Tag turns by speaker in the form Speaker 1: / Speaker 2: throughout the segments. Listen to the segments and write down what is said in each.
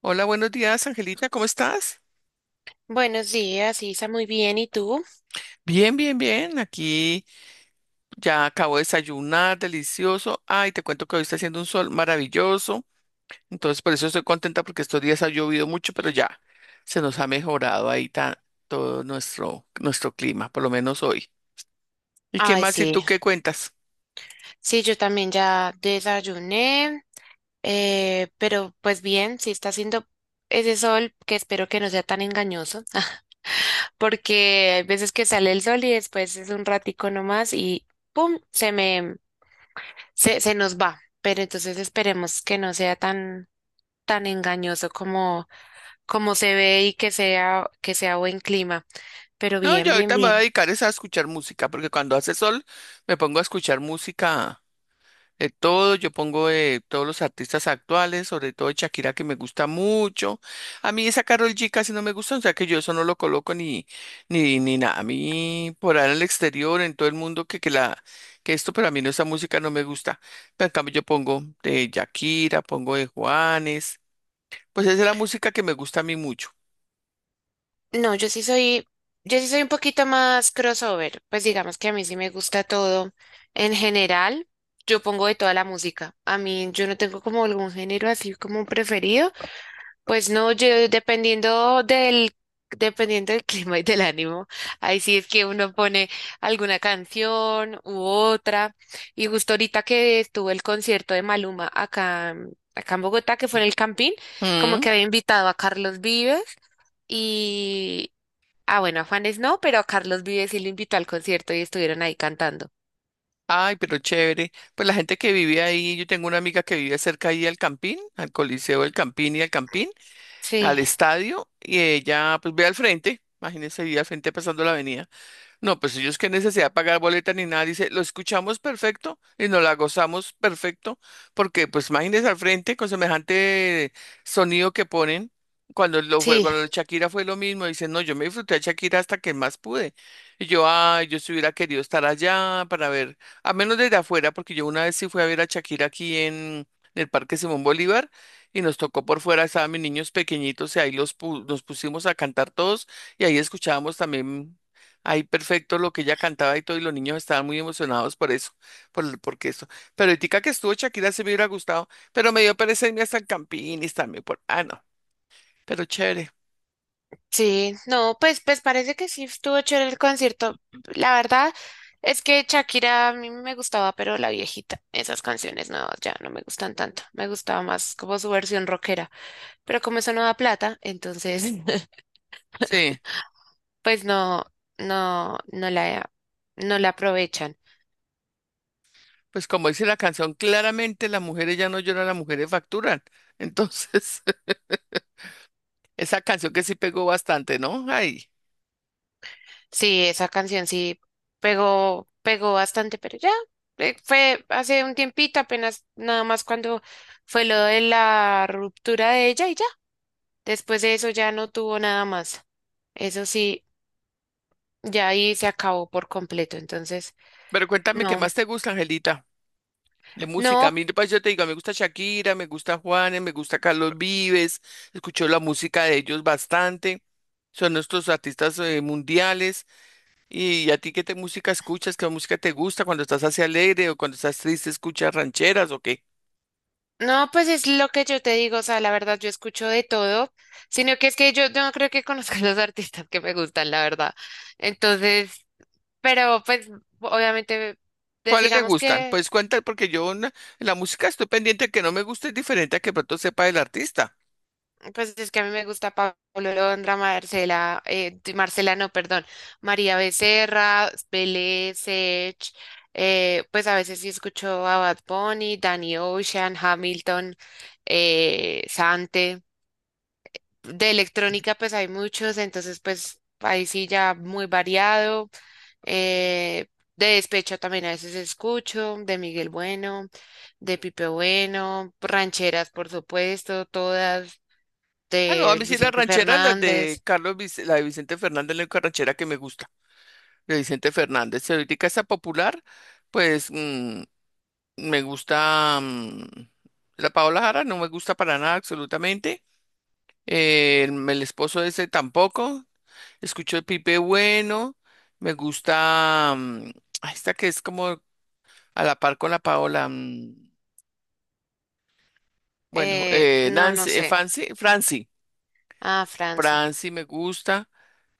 Speaker 1: Hola, buenos días, Angelita, ¿cómo estás?
Speaker 2: Buenos días, Isa, muy bien. ¿Y tú?
Speaker 1: Bien, bien, bien. Aquí ya acabo de desayunar, delicioso. Ay, te cuento que hoy está haciendo un sol maravilloso. Entonces, por eso estoy contenta porque estos días ha llovido mucho, pero ya se nos ha mejorado ahí todo nuestro clima, por lo menos hoy. ¿Y qué
Speaker 2: Ay,
Speaker 1: más? ¿Y
Speaker 2: sí,
Speaker 1: tú qué cuentas?
Speaker 2: sí, yo también ya desayuné, pero pues bien, sí está haciendo ese sol que espero que no sea tan engañoso, porque hay veces que sale el sol y después es un ratico nomás y ¡pum! Se nos va. Pero entonces esperemos que no sea tan engañoso como se ve y que que sea buen clima. Pero
Speaker 1: No,
Speaker 2: bien,
Speaker 1: yo
Speaker 2: bien,
Speaker 1: ahorita me voy a
Speaker 2: bien.
Speaker 1: dedicar es a escuchar música, porque cuando hace sol me pongo a escuchar música todo, yo pongo todos los artistas actuales, sobre todo de Shakira que me gusta mucho. A mí esa Karol G casi no me gusta, o sea que yo eso no lo coloco ni nada. A mí por ahí en el exterior, en todo el mundo que esto, pero a mí no esa música no me gusta. Pero en cambio yo pongo de Shakira, pongo de Juanes, pues esa es la música que me gusta a mí mucho.
Speaker 2: No, yo sí soy un poquito más crossover, pues digamos que a mí sí me gusta todo. En general, yo pongo de toda la música. A mí yo no tengo como algún género así como preferido, pues no, yo dependiendo del clima y del ánimo, ahí sí es que uno pone alguna canción u otra. Y justo ahorita que estuvo el concierto de Maluma acá en Bogotá, que fue en el Campín, como
Speaker 1: Mm.
Speaker 2: que había invitado a Carlos Vives y, ah, bueno, a Juanes no, pero a Carlos Vives sí lo invitó al concierto y estuvieron ahí cantando.
Speaker 1: Ay, pero chévere. Pues la gente que vive ahí, yo tengo una amiga que vive cerca ahí al Campín, al Coliseo del Campín y al Campín,
Speaker 2: Sí,
Speaker 1: al estadio, y ella pues ve al frente, imagínense, ve al frente pasando la avenida. No, pues ellos qué necesidad de pagar boleta ni nada, dice, lo escuchamos perfecto y nos la gozamos perfecto, porque pues imagínense al frente con semejante sonido que ponen. Cuando lo fue,
Speaker 2: sí,
Speaker 1: cuando Shakira fue lo mismo, dice, no, yo me disfruté a Shakira hasta que más pude. Y yo, ay, yo si hubiera querido estar allá para ver, a menos desde afuera, porque yo una vez sí fui a ver a Shakira aquí en el Parque Simón Bolívar y nos tocó por fuera, estaban mis niños pequeñitos y ahí nos pusimos a cantar todos y ahí escuchábamos también. Ahí perfecto lo que ella cantaba y todo, y los niños estaban muy emocionados por eso, porque esto. Pero ahorita que estuvo Shakira se me hubiera gustado, pero me dio pereza irme hasta el Campín también por, ah, no, pero chévere.
Speaker 2: sí. No, pues parece que sí estuvo chévere el concierto. La verdad es que Shakira a mí me gustaba, pero la viejita. Esas canciones nuevas ya no me gustan tanto. Me gustaba más como su versión rockera. Pero como eso no da plata, entonces,
Speaker 1: Sí,
Speaker 2: pues no, no, no la, no la aprovechan.
Speaker 1: pues como dice la canción, claramente las mujeres ya no lloran, las mujeres facturan. Entonces, esa canción que sí pegó bastante, ¿no? Ay,
Speaker 2: Sí, esa canción sí pegó bastante, pero ya fue hace un tiempito, apenas nada más cuando fue lo de la ruptura de ella y ya. Después de eso ya no tuvo nada más. Eso sí, ya ahí se acabó por completo. Entonces,
Speaker 1: pero cuéntame, ¿qué
Speaker 2: no,
Speaker 1: más te gusta, Angelita? De música, a
Speaker 2: no,
Speaker 1: mí, pues yo te digo, me gusta Shakira, me gusta Juanes, me gusta Carlos Vives, escucho la música de ellos bastante, son nuestros artistas mundiales. ¿Y a ti qué te música escuchas? ¿Qué música te gusta cuando estás así alegre o cuando estás triste escuchas rancheras o qué?
Speaker 2: no, pues es lo que yo te digo. O sea, la verdad, yo escucho de todo, sino que es que yo no creo que conozca los artistas que me gustan, la verdad. Entonces, pero pues obviamente, pues,
Speaker 1: ¿Cuáles le
Speaker 2: digamos
Speaker 1: gustan?
Speaker 2: que
Speaker 1: Pues cuenta, porque yo en la música estoy pendiente que no me guste es diferente a que pronto sepa del artista.
Speaker 2: pues es que a mí me gusta Pablo Londra, Marcela, di- Marcela no, perdón, María Becerra, Belé, Sech, pues a veces sí escucho a Bad Bunny, Danny Ocean, Hamilton, Sante. De electrónica pues hay muchos, entonces pues ahí sí ya muy variado. eh, de despecho también a veces escucho, de Miguel Bueno, de Pipe Bueno, rancheras por supuesto, todas
Speaker 1: Ah, no, a
Speaker 2: de
Speaker 1: mí sí las
Speaker 2: Vicente
Speaker 1: rancheras, las de
Speaker 2: Fernández,
Speaker 1: La de Vicente Fernández, la única ranchera que me gusta, de Vicente Fernández. Si ahorita está popular, pues me gusta la Paola Jara, no me gusta para nada absolutamente. El esposo de ese tampoco. Escucho el Pipe Bueno, me gusta ay, esta que es como a la par con la Paola. Bueno,
Speaker 2: no, no
Speaker 1: Nancy,
Speaker 2: sé,
Speaker 1: Fancy, Franci.
Speaker 2: ah, Franci,
Speaker 1: Franci me gusta.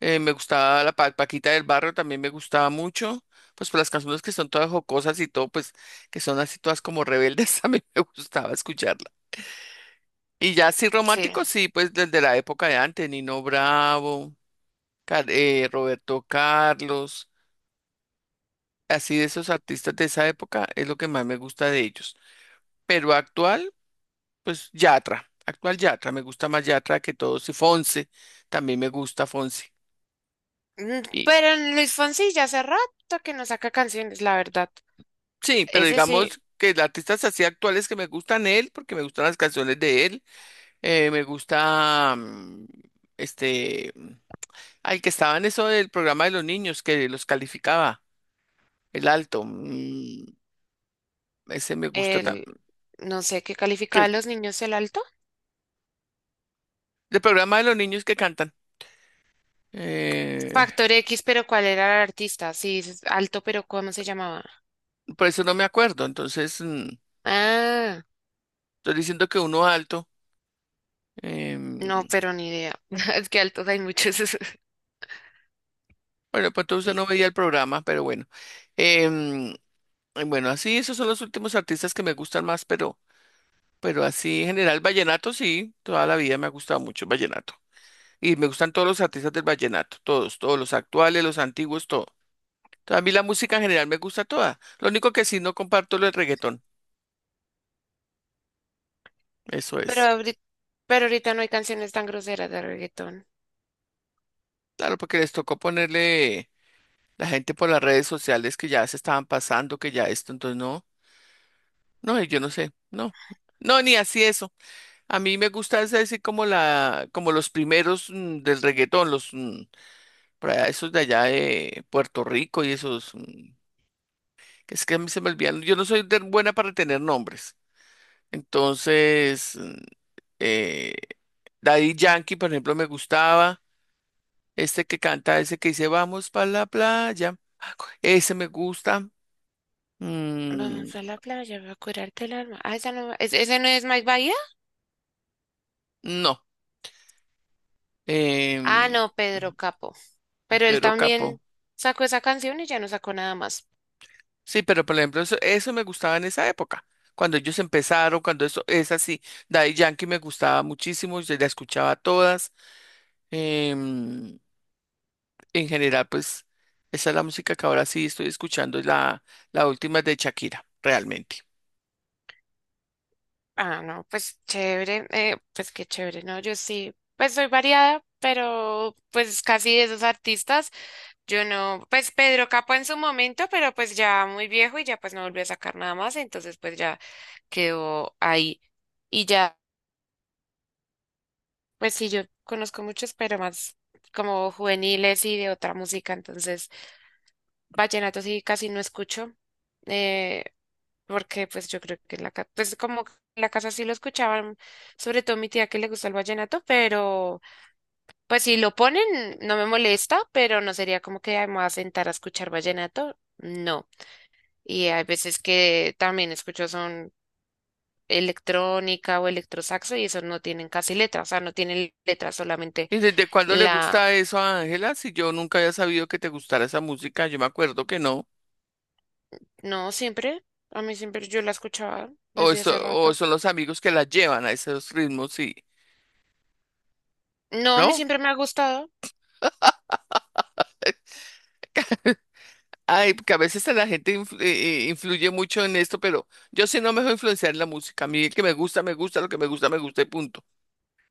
Speaker 1: Me gustaba la Paquita del Barrio, también me gustaba mucho. Pues por las canciones que son todas jocosas y todo, pues que son así todas como rebeldes, a mí me gustaba escucharla. Y ya así
Speaker 2: sí.
Speaker 1: romántico, sí, pues desde la época de antes, Nino Bravo, Roberto Carlos, así de esos artistas de esa época es lo que más me gusta de ellos. Pero actual, pues Yatra, actual Yatra, me gusta más Yatra que todos y Fonse, también me gusta Fonse.
Speaker 2: Mm, pero en Luis Fonsi ya hace rato que no saca canciones, la verdad,
Speaker 1: Sí, pero
Speaker 2: ese sí,
Speaker 1: digamos que los artistas así actuales que me gustan él, porque me gustan las canciones de él, me gusta este, al que estaba en eso del programa de los niños que los calificaba, el alto, ese me gusta
Speaker 2: el,
Speaker 1: también,
Speaker 2: no sé qué
Speaker 1: que
Speaker 2: calificaba a los niños el alto,
Speaker 1: el programa de los niños que cantan, eh,
Speaker 2: Factor X, pero ¿cuál era el artista? Sí, es alto, pero ¿cómo se llamaba?
Speaker 1: por eso no me acuerdo, entonces
Speaker 2: Ah,
Speaker 1: estoy diciendo que uno alto. em,
Speaker 2: no, pero ni idea, es que altos hay muchos,
Speaker 1: bueno, pues entonces
Speaker 2: Y-
Speaker 1: no veía el programa, pero bueno. Em, bueno, así esos son los últimos artistas que me gustan más, pero así en general, vallenato sí, toda la vida me ha gustado mucho el vallenato. Y me gustan todos los artistas del vallenato, todos, todos los actuales, los antiguos, todo. Entonces, a mí la música en general me gusta toda. Lo único que sí no comparto es el reggaetón, eso
Speaker 2: pero
Speaker 1: es.
Speaker 2: pero ahorita no hay canciones tan groseras de reggaetón.
Speaker 1: Claro, porque les tocó ponerle la gente por las redes sociales que ya se estaban pasando, que ya esto, entonces no, no, yo no sé, no. No, ni así eso. A mí me gusta es decir como los primeros del reggaetón, los por allá, esos de allá de Puerto Rico y esos mm. Es que a mí se me olvidan. Yo no soy tan buena para tener nombres. Entonces, eh, Daddy Yankee, por ejemplo, me gustaba. Este que canta, ese que dice vamos para la playa. Ese me gusta. Mm,
Speaker 2: Vamos a la playa, voy a curarte el alma. Ah, esa no, ¿ese no es Mike Bahía?
Speaker 1: no.
Speaker 2: Ah,
Speaker 1: em,
Speaker 2: no, Pedro Capo. Pero él
Speaker 1: Pedro
Speaker 2: también
Speaker 1: Capó.
Speaker 2: sacó esa canción y ya no sacó nada más.
Speaker 1: Sí, pero por ejemplo, eso me gustaba en esa época. Cuando ellos empezaron, cuando eso es así. Daddy Yankee me gustaba muchísimo. Yo la escuchaba todas. em, En general, pues esa es la música que ahora sí estoy escuchando, es la última es de Shakira, realmente.
Speaker 2: Ah, no, pues chévere, pues qué chévere, ¿no? Yo sí, pues soy variada, pero pues casi de esos artistas, yo no, pues Pedro Capo en su momento, pero pues ya muy viejo y ya pues no volvió a sacar nada más, entonces pues ya quedó ahí. Y ya, pues sí, yo conozco muchos, pero más como juveniles y de otra música, entonces... Vallenato sí casi no escucho, eh, porque pues yo creo que en la casa sí lo escuchaban, sobre todo mi tía que le gusta el vallenato, pero pues si lo ponen no me molesta, pero no sería como que "Ay, me voy a sentar a escuchar vallenato", no. Y hay veces que también escucho son electrónica o electrosaxo y esos no tienen casi letras, o sea, no tienen letras, solamente
Speaker 1: ¿Y desde cuándo le
Speaker 2: la,
Speaker 1: gusta eso a Ángela? Si yo nunca había sabido que te gustara esa música, yo me acuerdo que no.
Speaker 2: no siempre, a mí siempre yo la escuchaba
Speaker 1: O,
Speaker 2: desde
Speaker 1: eso,
Speaker 2: hace
Speaker 1: o
Speaker 2: rato.
Speaker 1: son los amigos que la llevan a esos ritmos, sí.
Speaker 2: No, a mí
Speaker 1: ¿No?
Speaker 2: siempre me ha gustado.
Speaker 1: Eh, Ay, que a veces la gente influye mucho en esto, pero yo sí no me dejo influenciar en la música. A mí el que me gusta, lo que me gusta y punto.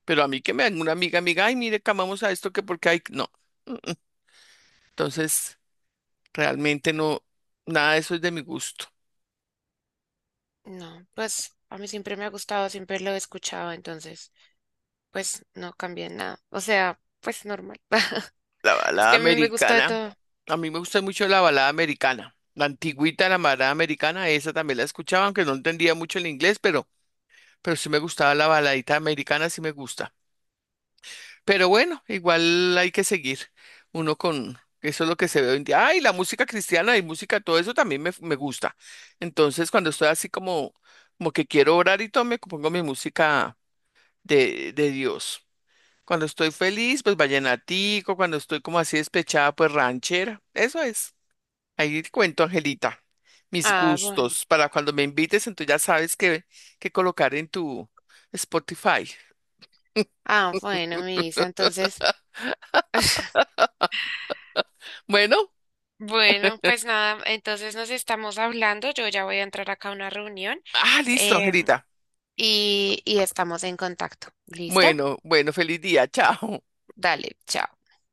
Speaker 1: Pero a mí que me una amiga, amiga, ay, mire, que amamos a esto, que porque hay, no. Mm, mm. Entonces... Realmente no, nada de eso es de mi gusto.
Speaker 2: No, pues a mí siempre me ha gustado, siempre lo he escuchado, entonces, pues no cambié nada. O sea, pues normal.
Speaker 1: La
Speaker 2: Es
Speaker 1: balada
Speaker 2: que a mí me gusta de
Speaker 1: americana,
Speaker 2: todo.
Speaker 1: a mí me gusta mucho la balada americana. La antigüita, la balada americana, esa también la escuchaba, aunque no entendía mucho el inglés, pero sí me gustaba la baladita americana, sí me gusta. Pero bueno, igual hay que seguir uno con, eso es lo que se ve hoy en día. Ah, y la música cristiana y música, todo eso también me gusta. Entonces, cuando estoy así como, como que quiero orar y todo, me pongo mi música de Dios. Cuando estoy feliz, pues vallenatico, cuando estoy como así despechada, pues ranchera. Eso es. Ahí te cuento, Angelita, mis
Speaker 2: Ah, bueno.
Speaker 1: gustos para cuando me invites, entonces ya sabes qué, qué colocar en tu Spotify.
Speaker 2: Ah, bueno, Misa, entonces,
Speaker 1: Bueno,
Speaker 2: bueno, pues nada, entonces nos estamos hablando. Yo ya voy a entrar acá a una reunión
Speaker 1: ah, listo,
Speaker 2: em,
Speaker 1: Angelita.
Speaker 2: y estamos en contacto. ¿Listo?
Speaker 1: Bueno, bueno, feliz día, chao.
Speaker 2: Dale, chao.